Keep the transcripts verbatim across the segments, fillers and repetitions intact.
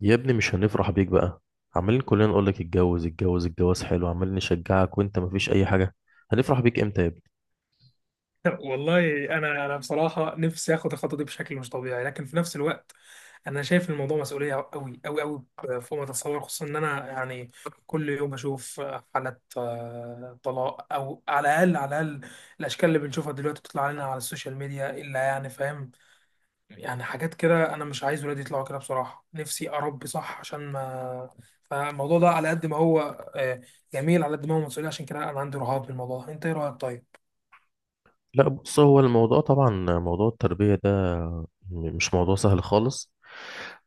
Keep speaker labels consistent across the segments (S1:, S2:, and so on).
S1: يا ابني، مش هنفرح بيك بقى. عمالين كلنا نقول لك اتجوز اتجوز، الجواز حلو، عمالين نشجعك وانت مفيش اي حاجه. هنفرح بيك امتى يا ابني؟
S2: والله انا انا بصراحه نفسي اخد الخطوه دي بشكل مش طبيعي، لكن في نفس الوقت انا شايف الموضوع مسؤوليه قوي قوي قوي فوق ما تتصور. خصوصا ان انا يعني كل يوم بشوف حالات آه، طلاق او على الاقل على الاقل الاشكال اللي بنشوفها دلوقتي بتطلع لنا على السوشيال ميديا، الا يعني فاهم، يعني حاجات كده. انا مش عايز ولادي يطلعوا كده، بصراحه نفسي اربي صح عشان ما. فالموضوع ده على قد ما هو آه، جميل على قد ما هو مسؤوليه، عشان كده انا عندي رهاب بالموضوع. انت ايه رايك؟ طيب،
S1: لا، بص، هو الموضوع طبعا، موضوع التربيه ده م- مش موضوع سهل خالص.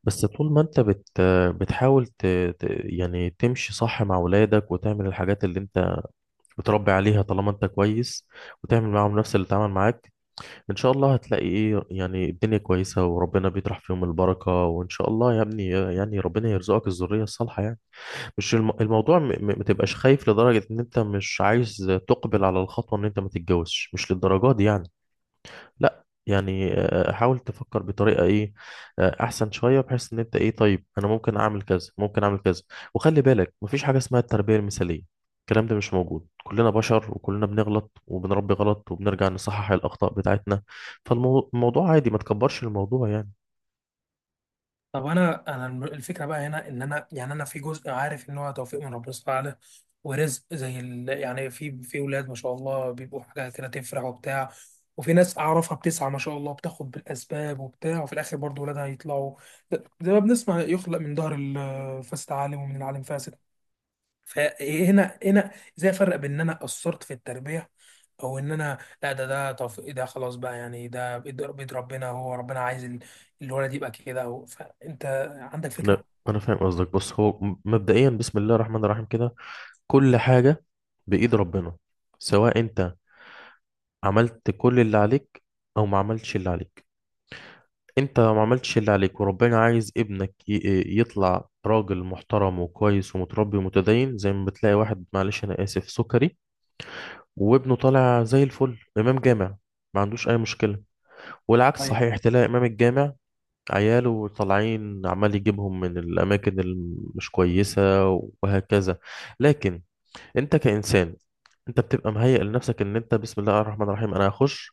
S1: بس طول ما انت بت بتحاول ت... ت... يعني تمشي صح مع ولادك، وتعمل الحاجات اللي انت بتربي عليها، طالما انت كويس وتعمل معاهم نفس اللي اتعمل معاك، ان شاء الله هتلاقي، ايه، يعني الدنيا كويسه، وربنا بيطرح فيهم البركه، وان شاء الله يا ابني، يعني ربنا يرزقك الذريه الصالحه يعني. مش الم... الموضوع م... م- ما تبقاش خايف لدرجة ان انت مش عايز تقبل على الخطوة، ان انت ما تتجوزش، مش للدرجة دي يعني. لا يعني، آه، حاول تفكر بطريقة، ايه، آه، احسن شوية، بحيث ان انت، ايه، طيب انا ممكن اعمل كذا، ممكن اعمل كذا. وخلي بالك، مفيش حاجة اسمها التربية المثالية، الكلام ده مش موجود. كلنا بشر وكلنا بنغلط وبنربي غلط وبنرجع نصحح الأخطاء بتاعتنا، فالموضوع عادي، ما تكبرش الموضوع يعني.
S2: طب انا انا الم- الفكره بقى هنا ان انا يعني انا في جزء عارف ان هو توفيق من ربنا سبحانه وتعالى ورزق. زي ال... يعني في في ولاد ما شاء الله بيبقوا حاجه كده تفرح وبتاع، وفي ناس اعرفها بتسعى ما شاء الله بتاخد بالاسباب وبتاع، وفي الاخر برضو ولادها يطلعوا زي ما بنسمع، يخلق من ظهر الفاسد عالم ومن العالم فاسد. فهنا هنا ازاي افرق بين ان انا قصرت في التربيه او ان انا، لا، ده ده طف... ده خلاص بقى، يعني ده بيد بيد ربنا، هو ربنا عايز ال- الولد يبقى كده، أو... فانت عندك
S1: لا،
S2: فكره؟
S1: انا فاهم قصدك. بص، هو م- مبدئيا، بسم الله الرحمن الرحيم، كده كل حاجة بإيد ربنا. سواء أنت عملت كل اللي عليك أو ما عملتش اللي عليك، أنت لو ما عملتش اللي عليك وربنا عايز ابنك ي- يطلع راجل محترم وكويس ومتربي ومتدين، زي ما بتلاقي واحد، معلش أنا آسف سكري، وابنه طالع زي الفل، إمام جامع ما عندوش أي مشكلة. والعكس
S2: طيب،
S1: صحيح، تلاقي إمام الجامع عياله طالعين، عمال يجيبهم من الأماكن المش كويسة، وهكذا. لكن انت كإنسان، انت بتبقى مهيئ لنفسك ان انت بسم الله الرحمن الرحيم، انا هخش.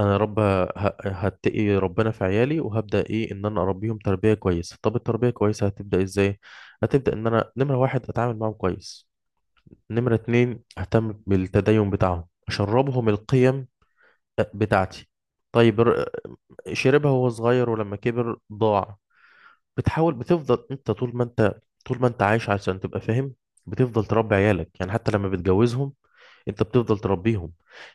S1: انا يا رب ه- هتقي ربنا في عيالي، وهبدا، ايه، ان انا اربيهم تربيه كويسه. طب التربيه كويسه هتبدا ازاي؟ هتبدا ان انا نمره واحد اتعامل معاهم كويس، نمره اتنين اهتم بالتدين بتاعهم، اشربهم القيم بتاعتي. طيب، ر- شربها وهو صغير ولما كبر ضاع. بتحاول بتفضل انت طول ما انت طول ما انت عايش، عشان تبقى فاهم بتفضل تربي عيالك، يعني حتى لما بتجوزهم انت بتفضل تربيهم.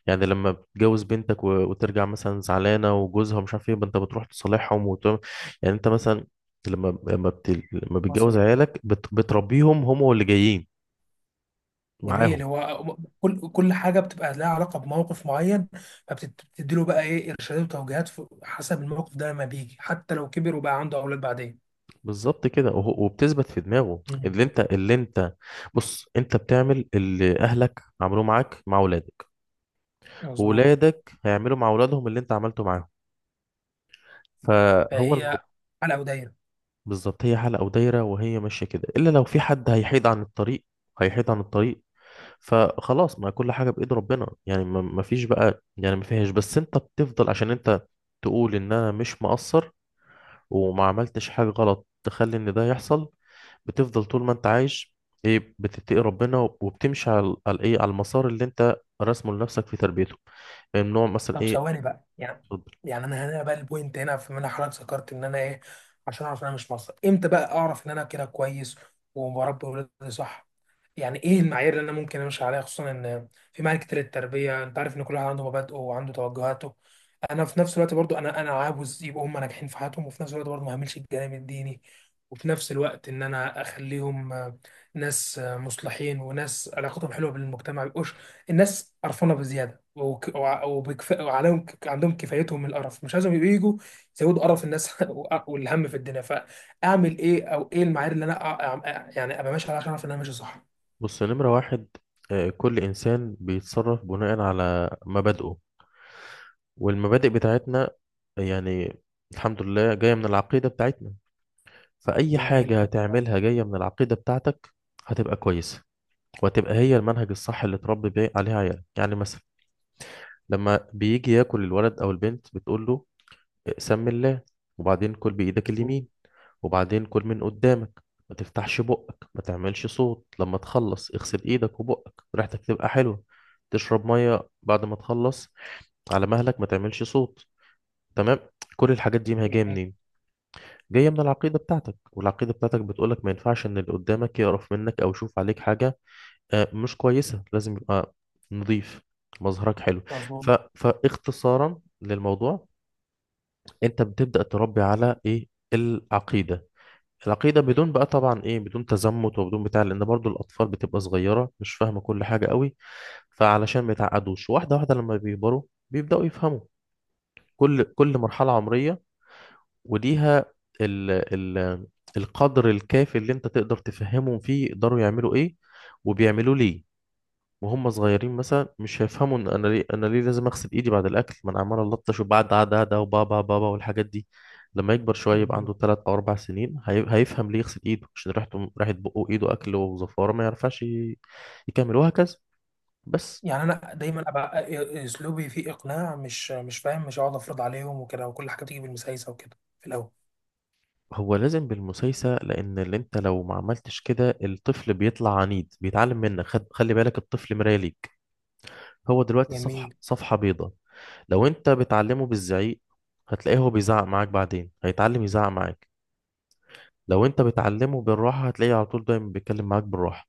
S1: يعني لما بتجوز بنتك و... وترجع مثلا زعلانه، وجوزها مش عارف ايه، انت بتروح تصالحهم وت... يعني انت مثلا، لما لما, بت... لما بتجوز
S2: وصل.
S1: عيالك بت... بتربيهم هم واللي جايين
S2: جميل،
S1: معاهم.
S2: هو كل كل حاجه بتبقى لها علاقه بموقف معين، فبتدي له بقى ايه ارشادات وتوجيهات في- حسب الموقف ده لما بيجي، حتى لو كبر وبقى عنده اولاد بعدين.
S1: بالظبط كده، وه- وبتثبت في دماغه.
S2: مم.
S1: اللي انت اللي انت بص، انت بتعمل اللي اهلك عملوه معاك مع اولادك،
S2: مظبوط.
S1: واولادك هيعملوا مع اولادهم اللي انت عملته معاهم، فهو الموضوع.
S2: فهي حلقه ودايره.
S1: بالظبط هي حلقة ودايرة، وهي ماشية كده، إلا لو في حد هيحيد عن الطريق، هيحيد عن الطريق. فخلاص، ما كل حاجة بإيد ربنا يعني، ما ما فيش بقى يعني، ما فيهاش. بس أنت بتفضل عشان أنت تقول إن أنا مش مقصر، وما عملتش حاجة غلط تخلي إن ده يحصل. بتفضل طول ما أنت عايش، إيه، بتتقي ربنا، وبتمشي على على إيه، على المسار اللي أنت راسمه لنفسك في تربيته، من نوع مثلا
S2: طب
S1: إيه.
S2: ثواني بقى، يعني يعني انا هنا بقى، البوينت هنا في منها حضرتك ذكرت ان انا ايه عشان اعرف ان انا مش مصري، امتى بقى اعرف ان انا كده كويس وبربي ولادي صح؟ يعني ايه المعايير اللي انا ممكن امشي عليها، خصوصا ان في معايير كتير للتربيه، انت عارف ان كل واحد عنده مبادئه وعنده توجهاته. انا في نفس الوقت برضو انا انا عاوز يبقوا هم ناجحين في حياتهم، وفي نفس الوقت برضو ما اهملش الجانب الديني، وفي نفس الوقت ان انا اخليهم آه، ناس آه، مصلحين وناس علاقتهم حلوه بالمجتمع، ما يبقوش الناس قرفانه بزياده وك- وع- وبكف... وعليهم، ك- عندهم كفايتهم من القرف، مش عايزهم يبقوا يجوا يزودوا قرف الناس وأ- والهم في الدنيا. فاعمل ايه او ايه المعايير اللي انا أ- أ- يعني ابقى ماشي عليها عشان اعرف ان انا ماشي صح؟
S1: بص، نمرة واحد، آه، كل إنسان بيتصرف بناء على مبادئه، والمبادئ بتاعتنا، يعني، الحمد لله جاية من العقيدة بتاعتنا. فأي
S2: جميل،
S1: حاجة هتعملها جاية من العقيدة بتاعتك، هتبقى كويسة، وهتبقى هي المنهج الصح اللي تربي بيه عليه عيالك. يعني مثلا، لما بيجي ياكل الولد أو البنت بتقول له سم الله، وبعدين كل بإيدك اليمين، وبعدين كل من قدامك، ما تفتحش بقك، ما تعملش صوت، لما تخلص اغسل ايدك وبقك، ريحتك تبقى حلوة، تشرب مية بعد ما تخلص على مهلك، ما تعملش صوت، تمام. كل الحاجات دي ما هي جاية
S2: يعني،
S1: منين؟ جاية من العقيدة بتاعتك، والعقيدة بتاعتك بتقولك ما ينفعش ان اللي قدامك يقرف منك، او يشوف عليك حاجة آه، مش كويسة، لازم يبقى نظيف، مظهرك حلو. ف...
S2: مظبوط.
S1: فاختصارا للموضوع، انت بتبدأ تربي على ايه؟ العقيدة. العقيدة بدون بقى طبعا، ايه، بدون تزمت وبدون بتاع، لان برضو الاطفال بتبقى صغيرة، مش فاهمة كل حاجة قوي، فعلشان ما يتعقدوش. واحدة واحدة لما بيكبروا بيبدأوا يفهموا. كل كل مرحلة عمرية وليها ال ال القدر الكافي اللي انت تقدر تفهمهم فيه، يقدروا يعملوا ايه وبيعملوا ليه. وهم صغيرين مثلا مش هيفهموا، ان انا ليه انا ليه لازم اغسل ايدي بعد الاكل، ما انا عمال الطش، وبعد عاد عاد وبابا بابا والحاجات دي. لما يكبر شويه يبقى عنده ثلاث او اربع سنين، هي... هيفهم ليه يغسل ايده، عشان ريحته ريحه بقه وايده اكل وزفاره، ما يعرفش ي... يكمل، وهكذا بس.
S2: يعني انا دايما ابقى اسلوبي فيه اقناع، مش مش فاهم، مش هقعد افرض عليهم وكده، وكل حاجه بتيجي بالمسايسه وكده في الاول.
S1: هو لازم بالمسايسه، لان اللي انت لو ما عملتش كده الطفل بيطلع عنيد، بيتعلم منك. خد... خلي بالك، الطفل مرايه ليك، هو دلوقتي صفحه
S2: جميل،
S1: صفحه بيضاء. لو انت بتعلمه بالزعيق هتلاقيه هو بيزعق معاك، بعدين هيتعلم يزعق معاك. لو انت بتعلمه بالراحة هتلاقيه على طول دايما بيتكلم معاك بالراحة.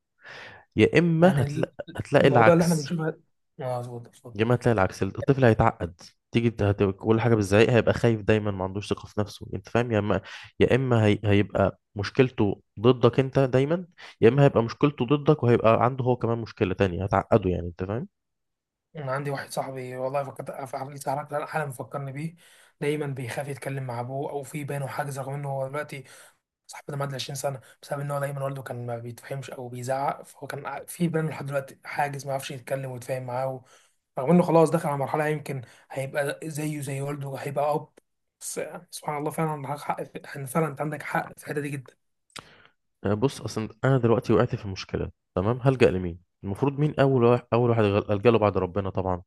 S1: يا اما
S2: يعني.
S1: هتلاقي هتلاقي
S2: الموضوع اللي احنا
S1: العكس،
S2: بنشوفه... اه، اتفضل اتفضل.
S1: يا اما هتلاقي العكس، الطفل هيتعقد. تيجي ت- هت- كل حاجة بالزعيق هيبقى خايف دايما، ما عندوش ثقة في نفسه، انت فاهم. يا اما يا اما هي... هيبقى مشكلته ضدك انت دايما، يا اما هيبقى مشكلته ضدك، وهيبقى عنده هو كمان مشكلة تانية هتعقده، يعني انت فاهم.
S2: انا عندي واحد صاحبي، والله فكرت حالي حالا، مفكرني بيه، دايما بيخاف يتكلم مع ابوه، او في بينه حاجز. رغم انه هو دلوقتي صاحبي ده معدي عشرين سنه، بسبب ان هو دايما والده كان ما بيتفهمش او بيزعق، فهو كان ع- في بينه لحد دلوقتي حاجز، ما يعرفش يتكلم ويتفاهم معاه، رغم انه خلاص دخل على مرحله يمكن هيبقى زيه زي والده، هيبقى اب. بس يعني سبحان الله، فعلا عندك حق في- ان فعلا انت عندك حق في الحته دي جدا.
S1: آه، بص، اصلا انا دلوقتي وقعت في مشكلة، تمام، هلجأ لمين؟ المفروض مين اول واحد اول واحد الجأ له بعد ربنا طبعا؟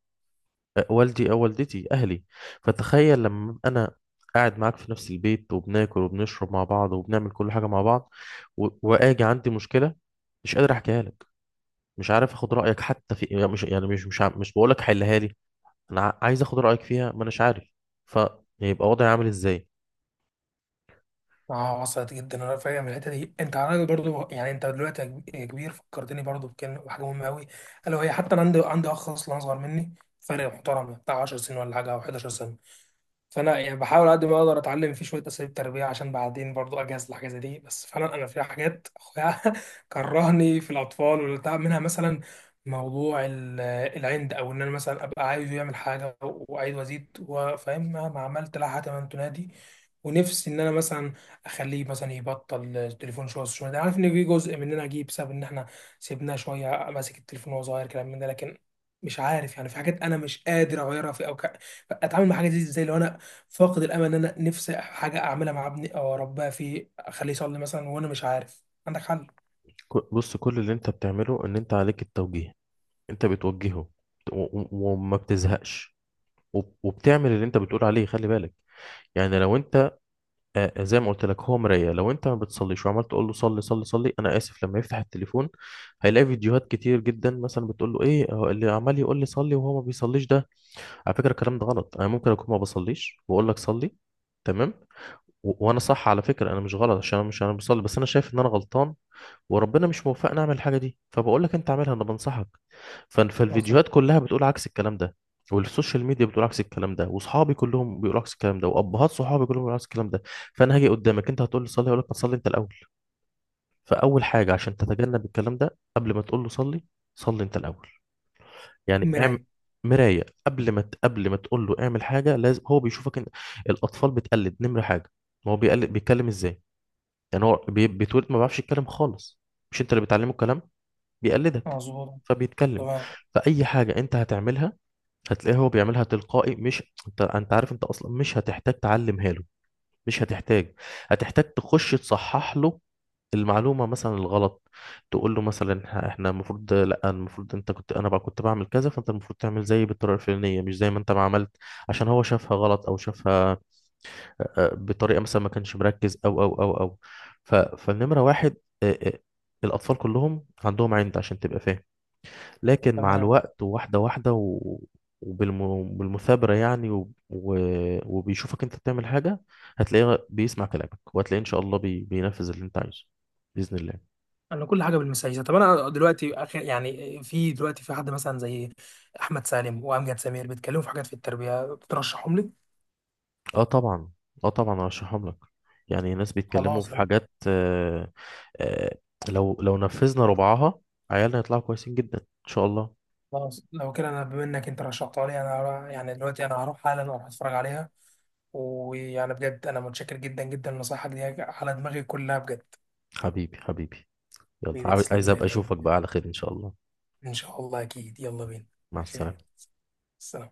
S1: آه، والدي أو والدتي، أهلي. فتخيل لما أبقى أنا قاعد معاك في نفس البيت، وبناكل وبنشرب مع بعض وبنعمل كل حاجة مع بعض، و... وآجي عندي مشكلة مش قادر أحكيها لك، مش عارف أخد رأيك، حتى في، يعني، مش يعني مش مش, ع- مش بقولك حلها لي، أنا ع- عايز أخد رأيك فيها ما أناش عارف. فيبقى وضعي عامل إزاي؟
S2: اه، وصلت جدا، انا فاهم الحته دي. انت عارف برضو، يعني انت دلوقتي يا كب- يا كبير فكرتني برضو بكلمه، بحاجه مهمه قوي، الا وهي حتى انا عندي عندي اخ اصلا اصغر مني، فرق محترم بتاع عشر سنين ولا حاجه، او حداشر سنه. فانا يعني بحاول على قد ما اقدر اتعلم فيه شويه اساليب تربيه عشان بعدين برضو اجهز لحاجه زي دي، بس فعلا انا في حاجات اخويا كرهني في الاطفال والبتاع. منها مثلا موضوع ال- العند، او ان انا مثلا ابقى عايزه يعمل حاجه وعايز وازيد وفاهم مهما عملت لا حتما تنادي. ونفسي ان انا مثلا اخليه مثلا يبطل التليفون شويه شويه، ده عارف ان في جزء مننا جه بسبب ان احنا سيبناه شويه ماسك التليفون وهو صغير، كلام من ده. لكن مش عارف، يعني في حاجات انا مش قادر اغيرها في او ك... اتعامل مع حاجه دي ازاي لو انا فاقد الامل ان انا نفسي حاجه اعملها مع ابني او اربيها فيه، اخليه يصلي مثلا، وانا مش عارف. عندك حل؟
S1: ك- بص، كل اللي أنت بتعمله، إن أنت عليك التوجيه، أنت بتوجهه و... و... وما بتزهقش، وب- وبتعمل اللي أنت بتقول عليه. خلي بالك، يعني لو انت آه، آه، زي ما قلت لك هو مراية، لو انت ما بتصليش وعمال تقول له صلي صلي صلي، انا اسف، لما يفتح التليفون هيلاقي فيديوهات كتير جدا مثلا بتقول له، ايه هو اللي عمال يقول لي صلي وهو ما بيصليش ده؟ على فكرة الكلام ده غلط، انا ممكن اكون ما بصليش واقول لك صلي، تمام، و- وانا صح على فكرة، انا مش غلط عشان انا مش انا بصلي، بس انا شايف ان انا غلطان، وربنا مش موفقنا نعمل الحاجه دي، فبقول لك انت اعملها، انا بنصحك. ف-
S2: وصل.
S1: فالفيديوهات كلها بتقول عكس الكلام ده، والسوشيال ميديا بتقول عكس الكلام ده، واصحابي كلهم بيقولوا عكس الكلام ده، وابهات صحابي كلهم بيقولوا عكس الكلام ده. فانا هاجي قدامك انت هتقول لي صلي، اقول لك ما تصلي انت الاول. فاول حاجه عشان تتجنب الكلام ده، قبل ما تقول له صلي، صلي انت الاول. يعني اعمل
S2: مرايه.
S1: مرايه، قبل ما ت- قبل ما تقول له اعمل حاجه، لازم هو بيشوفك انت، الاطفال بتقلد نمره حاجه. ما هو بيقلد بيتكلم ازاي، يعني هو بي- بيتولد ما بيعرفش يتكلم خالص، مش انت اللي بتعلمه الكلام، بيقلدك
S2: مظبوط.
S1: فبيتكلم.
S2: تمام،
S1: فأي حاجة أنت هتعملها هتلاقيه هو بيعملها تلقائي، مش أنت أنت عارف، أنت أصلا مش هتحتاج تعلمها له، مش هتحتاج. هتحتاج تخش تصحح له المعلومة مثلا الغلط، تقول له مثلا، إح- احنا المفروض، لا، المفروض انت كنت، انا بقى كنت بعمل كذا، فانت المفروض تعمل زيي بالطريقة الفلانية، مش زي ما انت ما عملت، عشان هو شافها غلط، او شافها آه، بطريقة مثلا ما كانش مركز او او او او ف... فالنمرة واحد، آه، آه، الأطفال كلهم عندهم عند، عشان تبقى فاهم، لكن مع
S2: تمام.
S1: الوقت، وواحدة واحدة، و... وبالمثابرة يعني و... و... وبيشوفك انت بتعمل حاجة، هتلاقيه بيسمع كلامك، وهتلاقيه ان شاء الله بي... بينفذ اللي انت عايزه بإذن الله.
S2: انا كل حاجه بالمسايسه. طب انا دلوقتي اخر يعني، في دلوقتي في حد مثلا زي احمد سالم وامجد سمير بيتكلموا في حاجات في التربيه بترشحهم لي؟
S1: اه طبعا. اه، طبعا ارشحهم لك، يعني ناس بيتكلموا
S2: خلاص
S1: في
S2: أنا
S1: حاجات. آه... آه... لو لو نفذنا ربعها، عيالنا هيطلعوا كويسين جدا ان شاء الله.
S2: خلاص، لو كده انا، بما انك انت رشحتها لي، انا هروح- يعني دلوقتي انا هروح حالا اروح اتفرج عليها. ويعني بجد انا متشكر جدا جدا لنصايحك دي، على دماغي كلها بجد.
S1: حبيبي، حبيبي، يلا عاو- عايز
S2: بتسلم لي،
S1: ابقى
S2: يعني
S1: اشوفك بقى على خير ان شاء الله.
S2: إن شاء الله أكيد. يلا بينا.
S1: مع
S2: ماشي،
S1: السلامة.
S2: السلام.